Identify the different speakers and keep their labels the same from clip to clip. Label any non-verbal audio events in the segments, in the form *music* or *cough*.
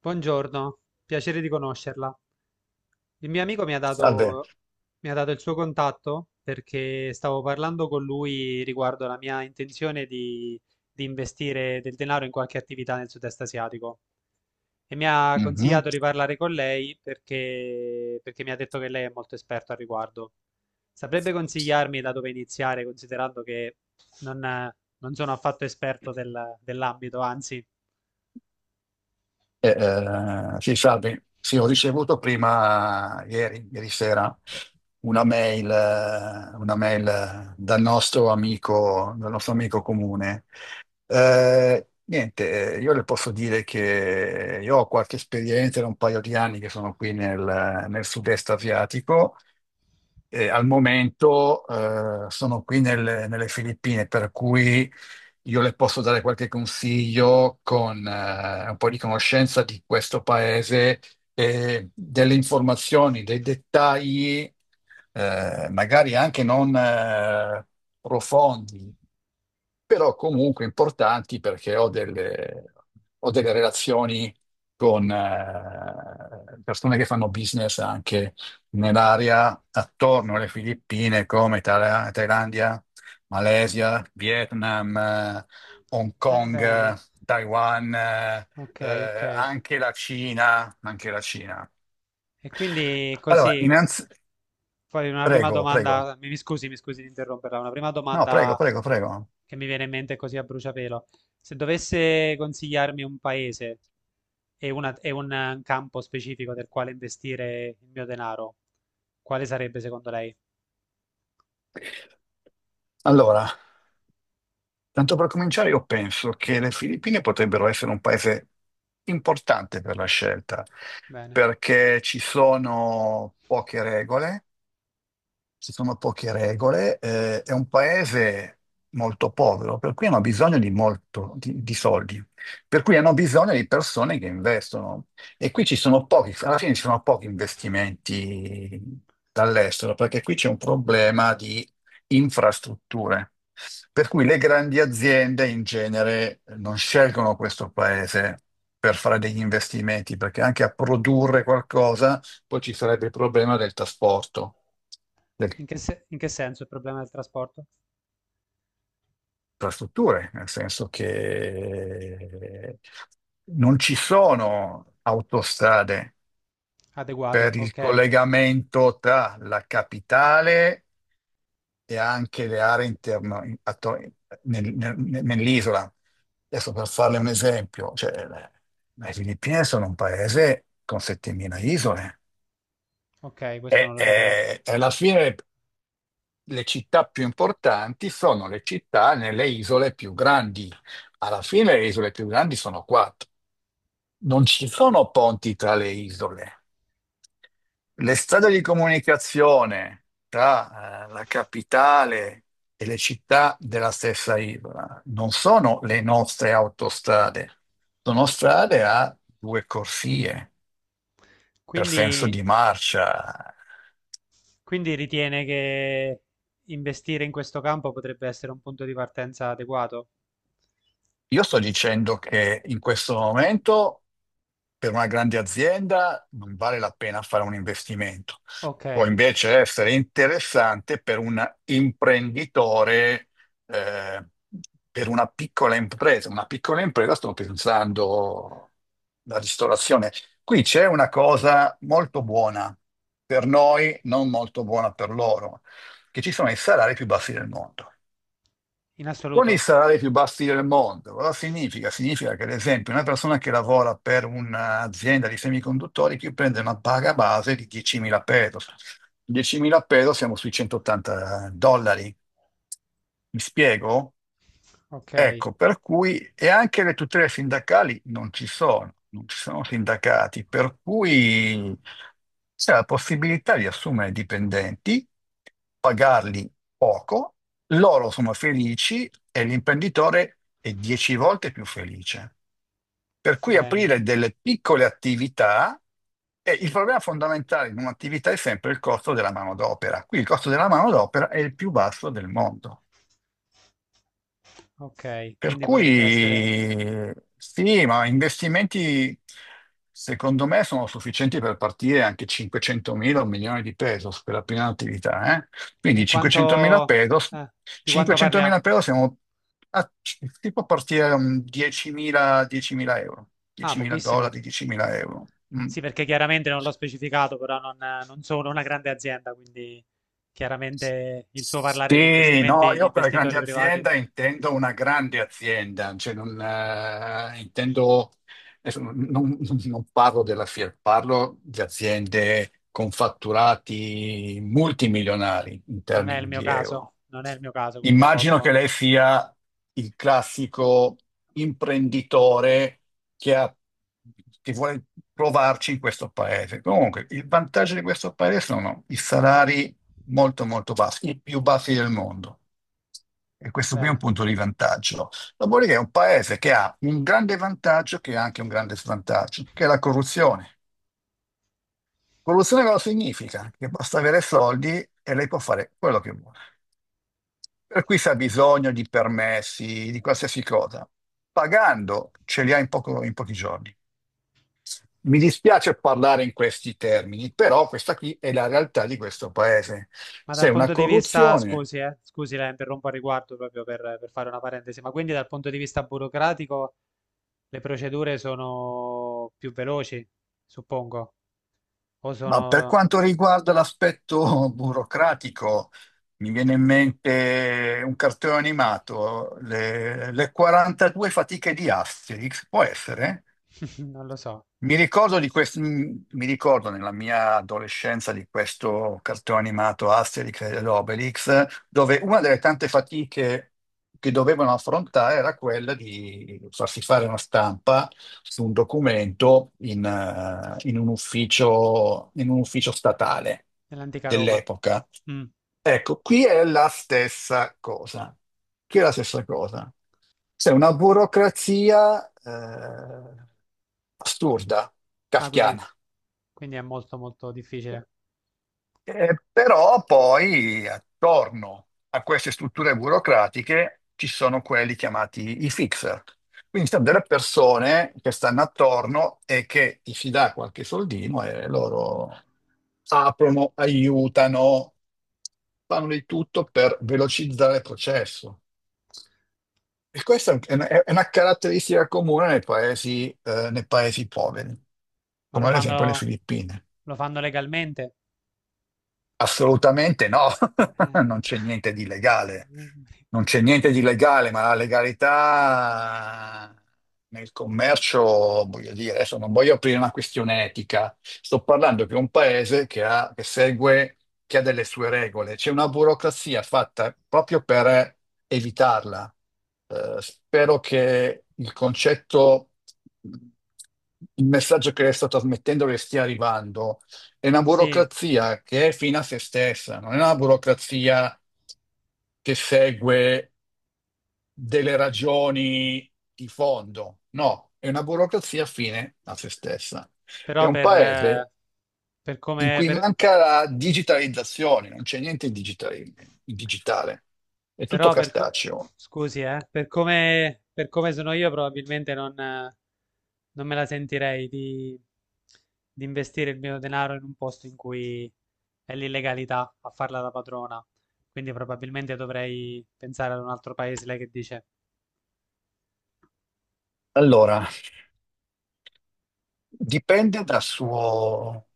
Speaker 1: Buongiorno, piacere di conoscerla. Il mio amico
Speaker 2: Salve.
Speaker 1: mi ha dato il suo contatto perché stavo parlando con lui riguardo la mia intenzione di investire del denaro in qualche attività nel sud-est asiatico e mi ha
Speaker 2: Mhm.
Speaker 1: consigliato di parlare con lei perché mi ha detto che lei è molto esperto al riguardo. Saprebbe consigliarmi da dove iniziare, considerando che non, non sono affatto esperto dell'ambito, anzi.
Speaker 2: Eh, sì, salve. Sì, ho ricevuto prima, ieri, ieri sera, una mail, dal nostro amico comune. Niente, io le posso dire che io ho qualche esperienza, da un paio di anni che sono qui nel sud-est asiatico. Al momento sono qui nelle Filippine, per cui io le posso dare qualche consiglio con un po' di conoscenza di questo paese e delle informazioni, dei dettagli, magari anche non profondi, però comunque importanti perché ho delle relazioni con persone che fanno business anche nell'area attorno alle Filippine, come Thailandia, Malesia, Vietnam, Hong Kong,
Speaker 1: Bene,
Speaker 2: Taiwan,
Speaker 1: ok, ok.
Speaker 2: anche la Cina, anche la Cina.
Speaker 1: E quindi
Speaker 2: Allora,
Speaker 1: così,
Speaker 2: innanzi...
Speaker 1: poi una prima
Speaker 2: Prego, prego.
Speaker 1: domanda, mi scusi, mi scusi di interromperla, una prima
Speaker 2: No, prego,
Speaker 1: domanda
Speaker 2: prego, prego.
Speaker 1: che mi viene in mente così a bruciapelo. Se dovesse consigliarmi un paese e, una- e un campo specifico del quale investire il mio denaro, quale sarebbe secondo lei?
Speaker 2: Allora, tanto per cominciare, io penso che le Filippine potrebbero essere un paese importante per la scelta,
Speaker 1: Bene.
Speaker 2: perché ci sono poche regole, ci sono poche regole, è un paese molto povero, per cui hanno bisogno di molto, di soldi, per cui hanno bisogno di persone che investono. E qui ci sono pochi, alla fine ci sono pochi investimenti dall'estero, perché qui c'è un problema di infrastrutture. Per cui le grandi aziende in genere non scelgono questo paese per fare degli investimenti, perché anche a produrre qualcosa poi ci sarebbe il problema del trasporto,
Speaker 1: In
Speaker 2: delle
Speaker 1: che, se- in che senso il problema del trasporto?
Speaker 2: infrastrutture, nel senso che non ci sono autostrade
Speaker 1: Adeguate,
Speaker 2: per il
Speaker 1: ok,
Speaker 2: collegamento tra la capitale e anche le aree interne nel- nel- nell'isola. Adesso per farle un esempio, cioè, le Filippine sono un paese con 7.000 isole.
Speaker 1: ok, questo
Speaker 2: E,
Speaker 1: non lo sapevo.
Speaker 2: e- e alla fine le città più importanti sono le città nelle isole più grandi. Alla fine le isole più grandi sono quattro. Non ci sono ponti tra le isole. Le strade di comunicazione tra la capitale e le città della stessa isola non sono le nostre autostrade, sono strade a due corsie per senso
Speaker 1: Quindi,
Speaker 2: di marcia.
Speaker 1: quindi ritiene che investire in questo campo potrebbe essere un punto di partenza adeguato?
Speaker 2: Io sto dicendo che in questo momento per una grande azienda non vale la pena fare un investimento.
Speaker 1: Ok,
Speaker 2: Può invece essere interessante per un imprenditore, eh, per una piccola impresa. Una piccola impresa, sto pensando la ristorazione. Qui c'è una cosa molto buona per noi, non molto buona per loro, che ci sono i salari più bassi del mondo.
Speaker 1: in
Speaker 2: Con i
Speaker 1: assoluto?
Speaker 2: salari più bassi del mondo, cosa significa? Significa che, ad esempio, una persona che lavora per un'azienda di semiconduttori che prende una paga base di 10.000 pesos. 10.000 pesos siamo sui 180 dollari. Mi spiego?
Speaker 1: Ok,
Speaker 2: Ecco, per cui e anche le tutele sindacali non ci sono, non ci sono sindacati, per cui c'è la possibilità di assumere dipendenti, pagarli poco, loro sono felici e l'imprenditore è dieci volte più felice. Per cui
Speaker 1: bene,
Speaker 2: aprire delle piccole attività, e il problema fondamentale in un'attività è sempre il costo della manodopera. Qui il costo della manodopera è il più basso del mondo.
Speaker 1: ok,
Speaker 2: Per
Speaker 1: quindi potrebbe essere...
Speaker 2: cui sì, ma investimenti secondo me sono sufficienti per partire anche 500.000 o un milione di pesos per la prima attività.
Speaker 1: E
Speaker 2: Quindi 500.000
Speaker 1: quanto...
Speaker 2: pesos,
Speaker 1: eh, di quanto parliamo?
Speaker 2: 500.000 pesos siamo a, si può partire da un 10.000 10.000 euro,
Speaker 1: Ah,
Speaker 2: 10.000
Speaker 1: pochissimo.
Speaker 2: dollari, 10.000 euro. Mm.
Speaker 1: Sì, perché chiaramente non l'ho specificato, però non, non sono una grande azienda, quindi chiaramente il suo parlare di
Speaker 2: Sì, no,
Speaker 1: investimenti di
Speaker 2: io per grande
Speaker 1: investitori privati
Speaker 2: azienda intendo una grande azienda, cioè non, intendo, adesso non parlo della Fiat, parlo di aziende con fatturati multimilionari in
Speaker 1: non è il
Speaker 2: termini
Speaker 1: mio
Speaker 2: di
Speaker 1: caso,
Speaker 2: euro.
Speaker 1: non è il mio caso, quindi ha
Speaker 2: Immagino che
Speaker 1: colto
Speaker 2: lei sia il classico imprenditore che ha- che vuole provarci in questo paese. Comunque, il vantaggio di questo paese sono i salari molto molto baffi, i più baffi del mondo. E questo qui è un
Speaker 1: bene.
Speaker 2: punto di vantaggio. Dopodiché è un paese che ha un grande vantaggio che ha anche un grande svantaggio, che è la corruzione. Corruzione cosa significa? Che basta avere soldi e lei può fare quello che vuole. Per cui se ha bisogno di permessi, di qualsiasi cosa, pagando ce li ha in pochi giorni. Mi dispiace parlare in questi termini, però questa qui è la realtà di questo paese.
Speaker 1: Ma
Speaker 2: C'è
Speaker 1: dal
Speaker 2: una
Speaker 1: punto di vista,
Speaker 2: corruzione.
Speaker 1: scusi, scusi, la interrompo a riguardo per fare una parentesi, ma quindi dal punto di vista burocratico le procedure sono più veloci, suppongo, o
Speaker 2: Ma per
Speaker 1: sono,
Speaker 2: quanto riguarda l'aspetto *laughs* burocratico, mi viene in mente un cartone animato, le 42 fatiche di Asterix, può essere?
Speaker 1: *laughs* non lo so,
Speaker 2: Mi ricordo nella mia adolescenza di questo cartone animato Asterix ed Obelix, dove una delle tante fatiche che dovevano affrontare era quella di farsi fare una stampa su un documento in un ufficio, in un ufficio statale
Speaker 1: nell'antica Roma.
Speaker 2: dell'epoca.
Speaker 1: Mm.
Speaker 2: Ecco, qui è la stessa cosa. Qui è la stessa cosa. C'è una burocrazia assurda,
Speaker 1: Ah, quindi,
Speaker 2: kafkiana.
Speaker 1: quindi è molto molto difficile.
Speaker 2: Però poi attorno a queste strutture burocratiche ci sono quelli chiamati i fixer. Quindi sono delle persone che stanno attorno e che ti si dà qualche soldino e loro aprono, aiutano, fanno di tutto per velocizzare il processo. E questa è una caratteristica comune nei paesi poveri,
Speaker 1: Ma lo
Speaker 2: come ad esempio le
Speaker 1: fanno,
Speaker 2: Filippine.
Speaker 1: lo fanno legalmente?
Speaker 2: Assolutamente no, *laughs*
Speaker 1: Eh,
Speaker 2: non c'è niente di legale,
Speaker 1: *laughs*
Speaker 2: non c'è niente di legale, ma la legalità nel commercio, voglio dire, adesso non voglio aprire una questione etica, sto parlando che è un paese che ha, che segue, che ha delle sue regole, c'è una burocrazia fatta proprio per evitarla. Spero che il concetto, il messaggio che le sto trasmettendo le stia arrivando, è una
Speaker 1: sì,
Speaker 2: burocrazia che è fine a se stessa, non è una burocrazia che segue delle ragioni di fondo, no, è una burocrazia fine a se stessa. È
Speaker 1: però
Speaker 2: un
Speaker 1: per,
Speaker 2: paese
Speaker 1: eh, per
Speaker 2: in
Speaker 1: come,
Speaker 2: cui
Speaker 1: per-
Speaker 2: manca la digitalizzazione, non c'è niente in digitale, è tutto
Speaker 1: però per
Speaker 2: cartaceo.
Speaker 1: scusi, per come sono io probabilmente non me la sentirei di investire il mio denaro in un posto in cui è l'illegalità a farla da padrona. Quindi probabilmente dovrei pensare ad un altro paese, lei che dice,
Speaker 2: Allora, dipende dal suo,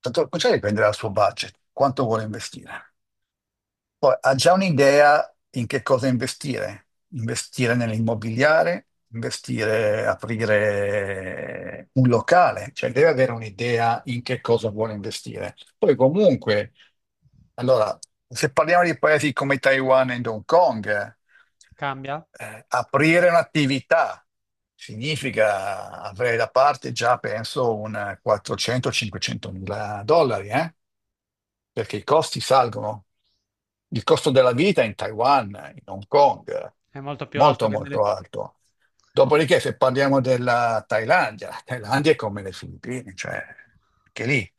Speaker 2: tanto cominciare dipende dal suo budget, quanto vuole investire. Poi ha già un'idea in che cosa investire, investire nell'immobiliare, investire, aprire un locale, cioè deve avere un'idea in che cosa vuole investire. Poi comunque, allora, se parliamo di paesi come Taiwan e Hong Kong,
Speaker 1: cambia?
Speaker 2: aprire un'attività significa avere da parte già, penso, un 400-500 mila dollari, eh? Perché i costi salgono. Il costo della vita in Taiwan, in Hong Kong, è
Speaker 1: È molto più alto
Speaker 2: molto
Speaker 1: che nelle...
Speaker 2: molto alto. Dopodiché, se parliamo della Thailandia, la Thailandia è come le Filippine, cioè anche lì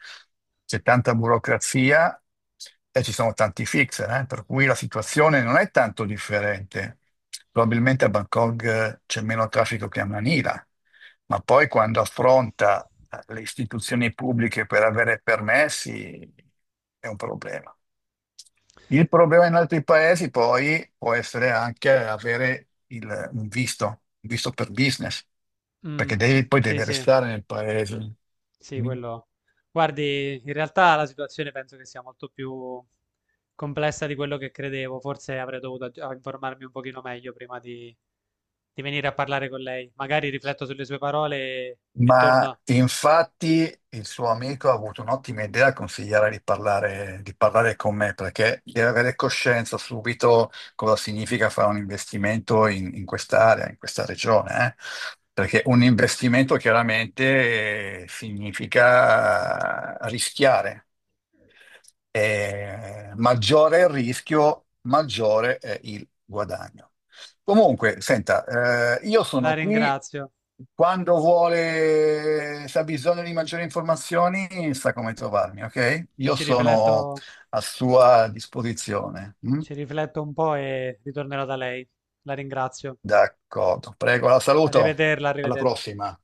Speaker 2: c'è tanta burocrazia e ci sono tanti fixer, per cui la situazione non è tanto differente. Probabilmente a Bangkok c'è meno traffico che a Manila, ma poi quando affronta le istituzioni pubbliche per avere permessi è un problema. Il problema in altri paesi poi può essere anche un visto per business,
Speaker 1: Mm,
Speaker 2: perché poi
Speaker 1: sì,
Speaker 2: devi
Speaker 1: sì.
Speaker 2: restare nel paese.
Speaker 1: Sì,
Speaker 2: Mm.
Speaker 1: quello. Guardi, in realtà la situazione penso che sia molto più complessa di quello che credevo. Forse avrei dovuto informarmi un pochino meglio di venire a parlare con lei. Magari rifletto sulle sue parole e
Speaker 2: Ma
Speaker 1: torno.
Speaker 2: infatti il suo amico ha avuto un'ottima idea a consigliare di parlare con me, perché deve avere coscienza subito cosa significa fare un investimento in quest'area, in questa regione. Perché un investimento chiaramente significa rischiare, maggiore è il rischio, maggiore è il guadagno. Comunque, senta, io
Speaker 1: La
Speaker 2: sono qui
Speaker 1: ringrazio.
Speaker 2: quando vuole, se ha bisogno di maggiori informazioni, sa come trovarmi, ok? Io
Speaker 1: Ci
Speaker 2: sono
Speaker 1: rifletto,
Speaker 2: a sua disposizione. Mm?
Speaker 1: ci rifletto un po' e ritornerò da lei. La ringrazio.
Speaker 2: D'accordo, prego, la saluto.
Speaker 1: Arrivederla,
Speaker 2: Alla
Speaker 1: arrivederla.
Speaker 2: prossima.